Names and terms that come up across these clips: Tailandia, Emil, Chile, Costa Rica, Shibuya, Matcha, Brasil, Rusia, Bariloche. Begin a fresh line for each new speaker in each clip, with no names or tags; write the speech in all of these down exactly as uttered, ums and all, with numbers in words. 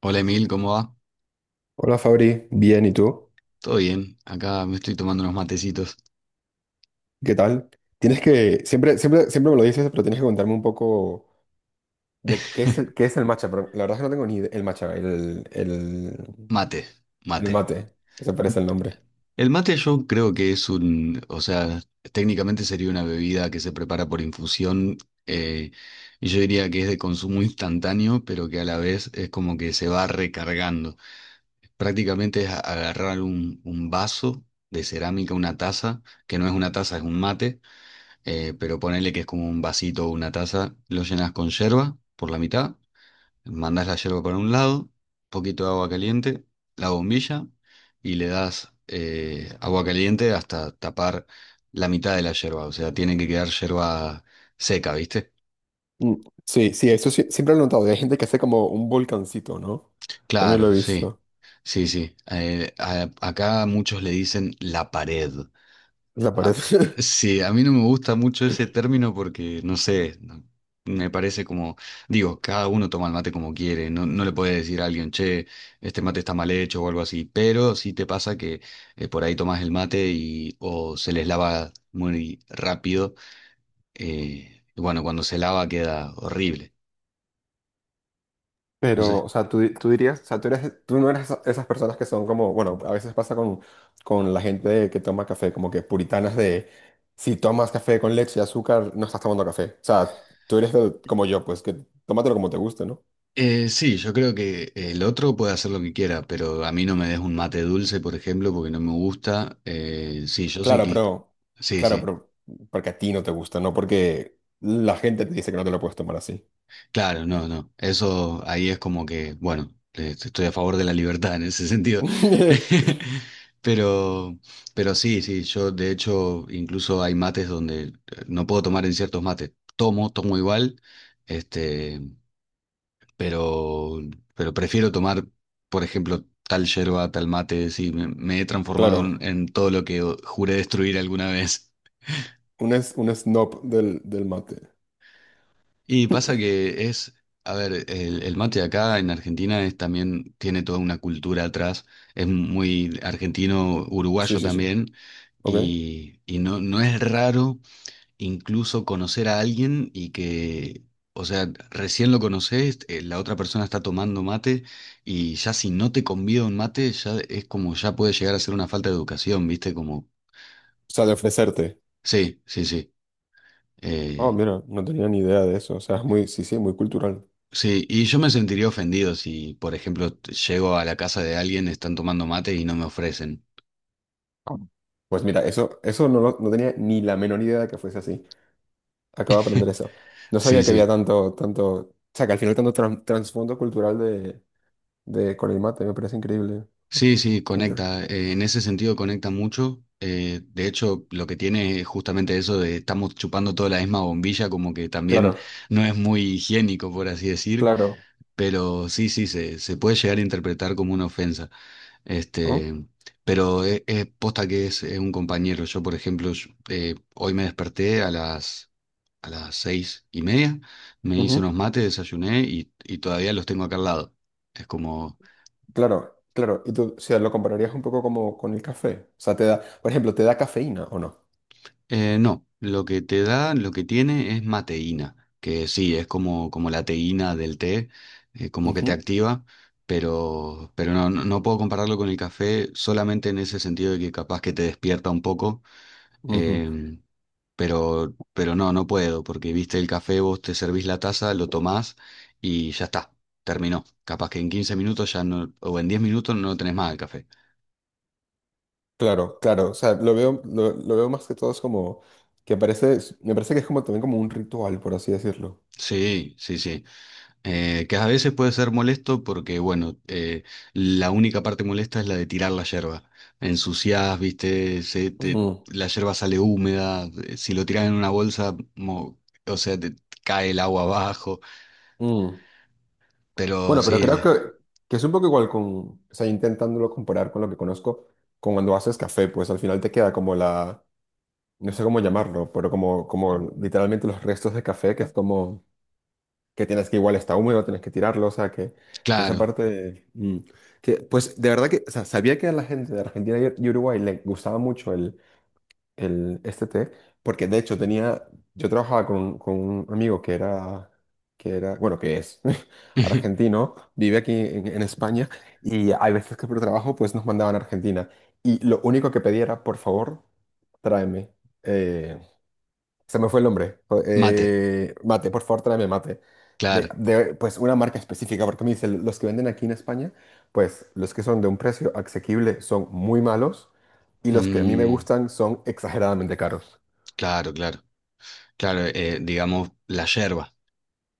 Hola Emil, ¿cómo va?
Hola Fabri, bien, ¿y tú?
Todo bien, acá me estoy tomando unos matecitos.
¿Qué tal? Tienes que, siempre, siempre, siempre me lo dices, pero tienes que contarme un poco de qué es el, qué es el matcha. Pero la verdad es que no tengo ni idea. El matcha, el, el,
Mate,
el
mate.
mate, que se parece el nombre.
El mate yo creo que es un, o sea, técnicamente sería una bebida que se prepara por infusión, eh, y yo diría que es de consumo instantáneo, pero que a la vez es como que se va recargando. Prácticamente es a- agarrar un, un vaso de cerámica, una taza, que no es una taza, es un mate, eh, pero ponele que es como un vasito o una taza, lo llenas con yerba por la mitad. Mandás la yerba para un lado, poquito de agua caliente, la bombilla y le das, eh, agua caliente hasta tapar la mitad de la yerba. O sea, tiene que quedar yerba seca, ¿viste?
Mm, sí, sí, eso sí, siempre lo he notado. Y hay gente que hace como un volcancito, ¿no? También
Claro,
lo he
sí,
visto.
sí, sí. Eh, a- acá muchos le dicen la pared.
La
Ah,
pared.
sí, a mí no me gusta mucho ese término porque, no sé, no- me parece como, digo, cada uno toma el mate como quiere, no, no le puede decir a alguien, che, este mate está mal hecho o algo así, pero sí te pasa que, eh, por ahí tomas el mate y o se les lava muy rápido, eh, y bueno, cuando se lava queda horrible. Entonces,
Pero, o sea, tú, di- tú dirías, o sea, tú eres, tú no eres esa- esas personas que son como, bueno, a veces pasa con, con la gente que toma café, como que puritanas de, si tomas café con leche y azúcar, no estás tomando café. O sea, tú eres del- como yo, pues que tómatelo como te guste, ¿no?
eh, sí, yo creo que el otro puede hacer lo que quiera, pero a mí no me des un mate dulce, por ejemplo, porque no me gusta. Eh, sí, yo sí
Claro,
que...
pero,
Sí,
claro,
sí.
pero, porque a ti no te gusta, no porque la gente te dice que no te lo puedes tomar así.
Claro, no, no. Eso ahí es como que, bueno, eh, estoy a favor de la libertad en ese sentido. Pero, pero sí, sí, yo de hecho incluso hay mates donde, eh, no puedo tomar en ciertos mates. Tomo, tomo igual, este, pero, pero prefiero tomar, por ejemplo, tal yerba, tal mate. Sí, me, me he transformado en,
Claro,
en todo lo que juré destruir alguna vez.
un, es, un snob del, del mate.
Y pasa que es, a ver, el, el mate acá en Argentina es también, tiene toda una cultura atrás, es muy argentino,
Sí,
uruguayo
sí, sí.
también,
Ok. O
y, y no, no es raro incluso conocer a alguien y que, o sea, recién lo conoces, eh, la otra persona está tomando mate y ya si no te convida un mate, ya es como, ya puede llegar a ser una falta de educación, ¿viste? Como,
sea, de ofrecerte.
sí, sí, sí.
Oh,
Eh,
mira, no tenía ni idea de eso. O sea, es muy, sí, sí, muy cultural.
sí, y yo me sentiría ofendido si, por ejemplo, t- llego a la casa de alguien, están tomando mate y no me ofrecen.
Ah. Pues mira, eso, eso no, lo- no tenía ni la menor idea de que fuese así. Acabo de aprender eso. No
Sí,
sabía que había
sí,
tanto, tanto, o sea, que al final tanto tran- trasfondo cultural de, de con el mate, me parece increíble. Oh,
sí, sí,
qué inter-
conecta. Eh, en ese sentido conecta mucho. Eh, de hecho, lo que tiene es justamente eso de estamos chupando toda la misma bombilla, como que también
claro,
no es muy higiénico, por así decir.
claro.
Pero sí, sí, se, se puede llegar a interpretar como una ofensa.
¿Oh?
Este, pero es, es posta que es, es un compañero. Yo, por ejemplo, yo- eh, hoy me desperté a las, a las seis y media, me hice
Ujú.
unos mates, desayuné y, y todavía los tengo acá al lado. Es como,
Claro, claro. Y tú, o sea, lo compararías un poco como con el café. O sea, te da, por ejemplo, ¿te da cafeína o no?
eh, no, lo que te da, lo que tiene es mateína, que sí, es como, como la teína del té, eh, como que te
Ujú,
activa, pero, pero no, no, no puedo compararlo con el café solamente en ese sentido de que capaz que te despierta un poco.
ujú.
Em, pero, pero no, no puedo, porque viste el café, vos te servís la taza, lo tomás y ya está, terminó. Capaz que en quince minutos ya no, o en diez minutos no tenés más el café.
Claro, claro, o sea, lo veo, lo, lo veo más que todo es como, que parece, me parece que es como también como un ritual, por así decirlo.
Sí, sí, sí. Eh, que a veces puede ser molesto porque, bueno, eh, la única parte molesta es la de tirar la yerba. Ensuciás, viste, se te-
Ujú,
la yerba sale húmeda, eh, si lo tirás en una bolsa, mo- o sea, te cae el agua abajo,
ujú.
pero
Bueno, pero creo
sí,
que, que es un poco igual con, o sea, intentándolo comparar con lo que conozco, con cuando haces café, pues al final te queda como la, no sé cómo llamarlo, pero como, como literalmente los restos de café, que es como, que tienes que igual está húmedo, tienes que tirarlo, o sea, que, que esa
claro.
parte, mm, que, pues de verdad que, o sea, sabía que a la gente de Argentina y y Uruguay le gustaba mucho el, este té, porque de hecho tenía, yo trabajaba con, con un amigo que era, que era, bueno, que es argentino, vive aquí en, en España y hay veces que por trabajo pues nos mandaban a Argentina y lo único que pedía era, por favor, tráeme. eh, Se me fue el nombre. Jo-
Mate.
eh, mate, por favor, tráeme mate. De,
Claro,
de, pues una marca específica, porque me dice, los que venden aquí en España, pues los que son de un precio asequible son muy malos y los que a mí me
mm,
gustan son exageradamente caros.
claro, claro, claro, eh, digamos la yerba.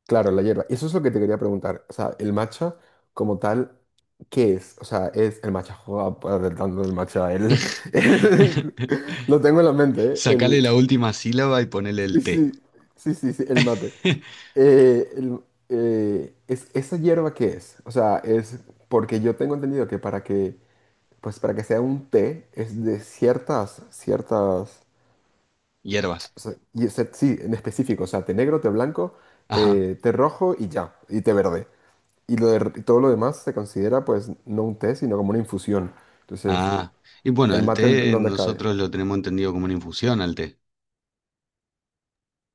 Claro, la hierba. Y eso es lo que te quería preguntar. O sea, el matcha como tal, ¿qué es? O sea, es el matcha, joder, tanto el matcha, el, el- lo tengo en la mente, ¿eh?
Sacale
El,
la última sílaba y ponele
Sí,
el té.
sí, sí, sí, sí, el mate. Eh, el- eh, es, ¿esa hierba qué es? O sea, es porque yo tengo entendido que para que, pues para que sea un té es de ciertas, ciertas,
Hierbas.
o sea, y es- sí, en específico, o sea, té negro, té blanco,
Ajá.
eh, té rojo y ya, y té verde. Y, lo de- y todo lo demás se considera pues no un té, sino como una infusión. Entonces,
Ah. Y bueno,
¿el
el
mate en, en
té
dónde cae?
nosotros lo tenemos entendido como una infusión al té.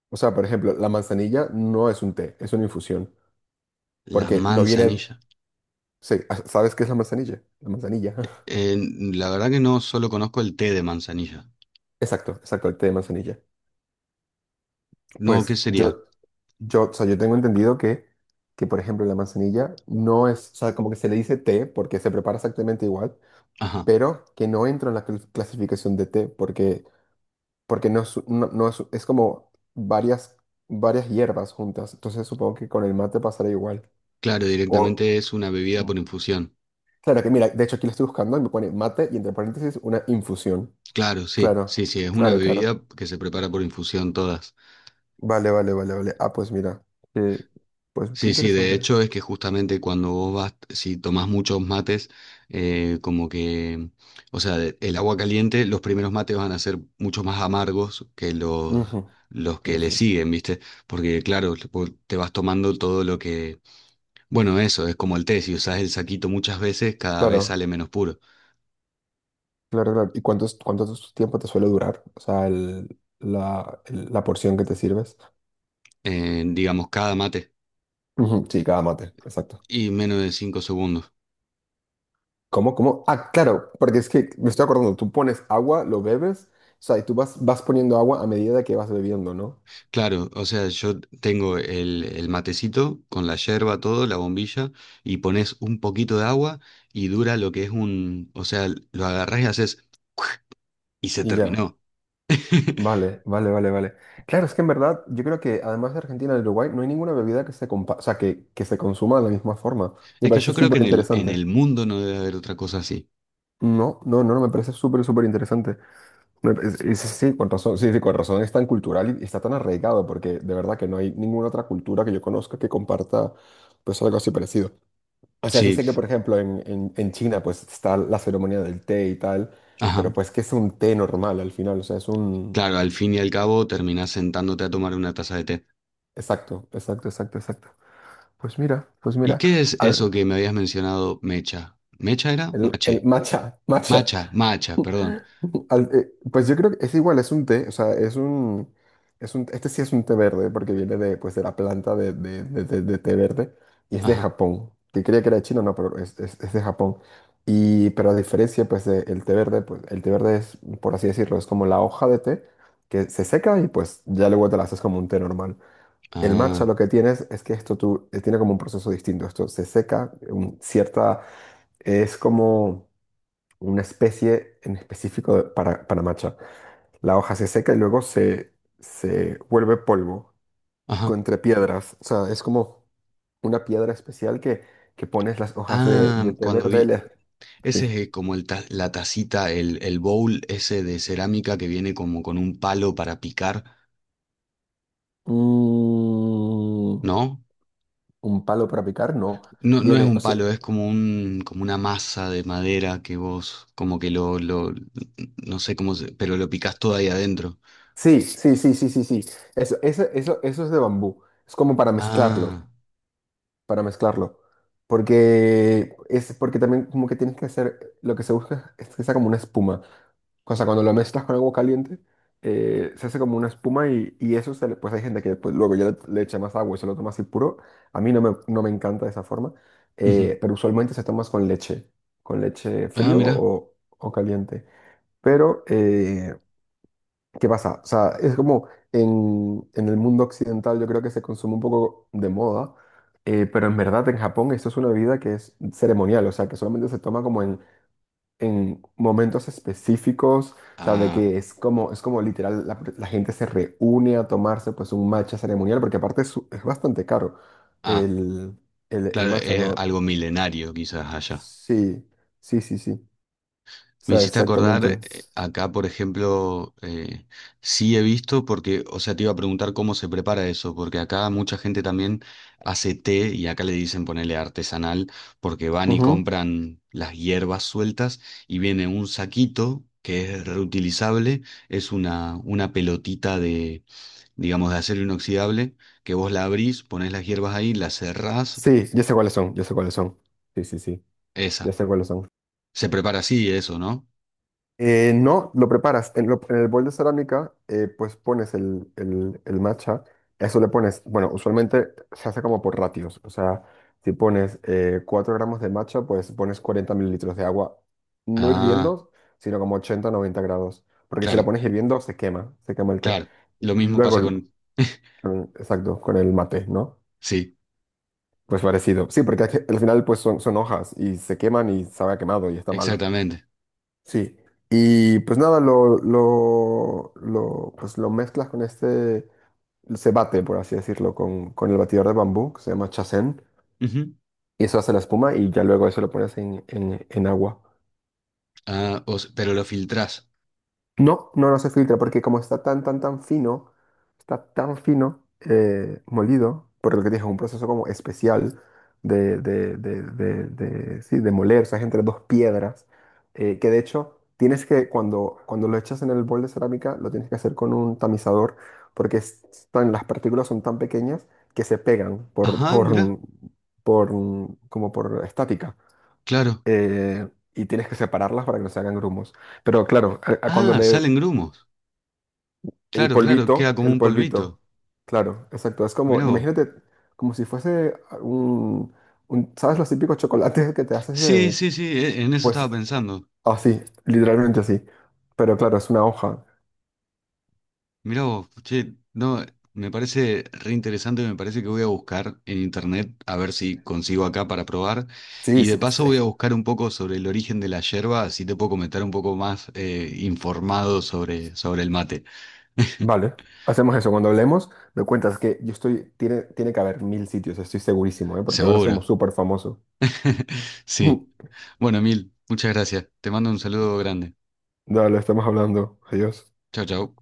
O sea, por ejemplo, la manzanilla no es un té, es una infusión,
La
porque no viene.
manzanilla.
Sí, ah, ¿sabes qué es la manzanilla? La manzanilla.
Eh, la verdad que no solo conozco el té de manzanilla.
Exacto, exacto, el té de manzanilla.
No, ¿qué
Pues
sería?
yo, yo, o sea, yo tengo entendido que, que, por ejemplo, la manzanilla no es, o sea, como que se le dice té porque se prepara exactamente igual,
Ajá.
pero que no entra en la cl- clasificación de té porque, porque no es, no, no es, es como varias, varias hierbas juntas. Entonces supongo que con el mate pasará igual.
Claro,
O,
directamente es una bebida
Mm.
por infusión.
Claro que mira, de hecho aquí lo estoy buscando y me pone mate y entre paréntesis una infusión.
Claro, sí,
Claro,
sí, sí, es una
claro,
bebida
claro.
que se prepara por infusión todas.
Vale, vale, vale, vale. Ah, pues mira, eh, pues qué
Sí, sí, de
interesante.
hecho es que justamente cuando vos vas, si tomás muchos mates, eh, como que, o sea, de- el agua caliente, los primeros mates van a ser mucho más amargos que los,
Ujú.
los que
Tienes
le
un-
siguen, ¿viste? Porque claro, vos te vas tomando todo lo que, bueno, eso, es como el té, si usás el saquito muchas veces, cada vez
Claro,
sale menos puro,
claro, claro. ¿Y cuánto, es- cuánto es- tiempo te suele durar? O sea, el- la, el- la porción que te sirves.
eh, digamos, cada mate,
Ujú, sí, cada mate, exacto.
y menos de cinco segundos.
¿Cómo, cómo? Ah, claro, porque es que me estoy acordando, tú pones agua, lo bebes, o sea, y tú vas, vas poniendo agua a medida que vas bebiendo, ¿no?
Claro, o sea, yo tengo el, el matecito con la yerba, todo, la bombilla, y pones un poquito de agua y dura lo que es un, o sea, lo agarrás y haces, y se
Y ya,
terminó.
vale, vale, vale, vale. Claro, es que en verdad yo creo que además de Argentina y Uruguay no hay ninguna bebida que se compa- o sea, que, que se consuma de la misma forma. Me
Es que
parece
yo creo que
súper
en el, en
interesante.
el mundo no debe haber otra cosa así.
No, no, no, no, me parece súper, súper interesante. Me pa- es- es- Sí, con razón, sí, sí, con razón es tan cultural y está tan arraigado porque de verdad que no hay ninguna otra cultura que yo conozca que comparta pues algo así parecido. O sea, sí
Sí,
sé que por ejemplo en, en, en China pues está la ceremonia del té y tal,
ajá.
pero pues que es un té normal al final, o sea, es un.
Claro, al fin y al cabo terminás sentándote a tomar una taza de té.
Exacto, exacto, exacto, exacto. Pues mira, pues
¿Y
mira,
qué es eso
al-
que me habías mencionado, mecha? ¿Mecha era?
el, el
Mache.
matcha, matcha.
Macha, macha, perdón.
Al- eh, pues yo creo que es igual, es un té, o sea, es un, es un, este sí es un té verde porque viene de, pues, de la planta de, de- de- de- de té verde y es de
Ajá.
Japón, que creía que era chino, no, pero es, es- es de Japón. Y, pero a diferencia, pues, del té verde, pues, el té verde es, por así decirlo, es como la hoja de té que se seca y pues ya luego te la haces como un té normal. El matcha
Ah,
lo que tienes es que esto tú, eh, tiene como un proceso distinto. Esto se seca, un- cierta, es como una especie en específico de- para, para matcha. La hoja se seca y luego se, se vuelve polvo
ajá.
con- entre piedras. O sea, es como una piedra especial que, que pones las hojas de,
Ah,
de té
cuando
verde.
vi.
Le-
Ese es,
sí.
eh, como el ta- la tacita, el, el bowl ese de cerámica que viene como con un palo para picar,
Mm,
¿no?
¿Un palo para picar? No.
No, no es
Viene, o
un
sea,
palo, es como un, como una masa de madera que vos, como que lo, lo, no sé cómo se, pero lo picás todo ahí adentro.
sí, sí, sí, sí, sí, sí. Eso, eso, eso, eso es de bambú. Es como para mezclarlo.
Ah,
Para mezclarlo. Porque es porque también como que tienes que hacer, lo que se busca es que sea como una espuma. O sea, cuando lo mezclas con agua caliente, eh, se hace como una espuma y, y eso se le- pues hay gente que pues, luego ya le, le echa más agua y se lo toma así puro. A mí no me, no me encanta de esa forma,
ujú.
eh, pero usualmente se toma con leche, con leche
Ah,
frío
mira.
o, o caliente. Pero, eh, ¿qué pasa? O sea, es como en, en el mundo occidental yo creo que se consume un poco de moda, eh, pero en verdad en Japón esto es una bebida que es ceremonial, o sea, que solamente se toma como en, en momentos específicos, o sea, de
Ah,
que es como, es como literal, la, la gente se reúne a tomarse pues un matcha ceremonial, porque aparte es, es bastante caro
ah,
el, el, el
claro,
matcha,
es
¿no?
algo milenario quizás allá.
Sí, sí, sí, sí, o
Me
sea,
hiciste acordar, eh,
exactamente.
acá por ejemplo, eh, sí he visto, porque, o sea, te iba a preguntar cómo se prepara eso, porque acá mucha gente también hace té y acá le dicen ponerle artesanal, porque van y
Ujú.
compran las hierbas sueltas y viene un saquito que es reutilizable, es una, una pelotita de, digamos, de acero inoxidable, que vos la abrís, ponés las hierbas ahí, las cerrás,
Sí, yo sé cuáles son, yo sé cuáles son. Sí, sí, sí. Ya
esa.
sé cuáles son.
Se prepara así eso, ¿no?
Eh, no, lo preparas. En, lo- en el bol de cerámica, eh, pues pones el, el, el matcha. A eso le pones, bueno, usualmente se hace como por ratios. O sea, si pones eh, 4 gramos de matcha, pues pones cuarenta mililitros de agua, no
Ah,
hirviendo, sino como ochenta, noventa grados. Porque si la
claro.
pones hirviendo, se quema, se quema el té.
Claro, lo mismo
Luego,
pasa
el-
con...
mm, exacto, con el mate, ¿no?
Sí,
Pues parecido. Sí, porque al final, pues son, son hojas y se queman y sabe a quemado y está malo.
exactamente.
Sí, y pues nada, lo, lo, lo, pues lo mezclas con este, se bate, por así decirlo, con, con el batidor de bambú, que se llama chacén,
Ujú.
y eso hace la espuma y ya luego eso lo pones en, en, en agua.
Ah, o s- pero lo filtrás.
No, no, no se filtra porque como está tan, tan, tan fino, está tan fino, eh, molido, por lo que te dije es un proceso como especial de, de, de, de, de-, sí, de moler, o sea, es entre dos piedras, eh, que de hecho tienes que, cuando, cuando lo echas en el bol de cerámica, lo tienes que hacer con un tamizador, porque es tan- las partículas son tan pequeñas que se pegan por,
Ajá,
por,
mirá,
por, como por estática,
claro.
eh, y tienes que separarlas para que no se hagan grumos. Pero claro, a- a cuando
Ah,
le,
salen grumos.
el
Claro, claro, queda
polvito,
como
el
un polvito.
polvito. Claro, exacto. Es como,
Mirá vos.
imagínate, como si fuese un, un- ¿sabes los típicos chocolates que te haces
Sí,
de,
sí, sí, e- en eso estaba
pues,
pensando.
así, literalmente así. Pero claro, es una hoja.
Mirá vos, che, no, me parece re interesante, me parece que voy a buscar en internet a ver si consigo acá para probar.
Sí,
Y de
sí,
paso
sí.
voy a buscar un poco sobre el origen de la yerba, así te puedo comentar un poco más, eh, informado sobre, sobre el mate.
Vale. Hacemos eso. Cuando hablemos, me cuentas que yo estoy, tiene, tiene que haber mil sitios, estoy segurísimo, ¿eh? Porque ahora
Seguro.
somos súper famosos.
Sí. Bueno, Emil, muchas gracias. Te mando un saludo grande.
Dale, estamos hablando. Adiós.
Chao, chao.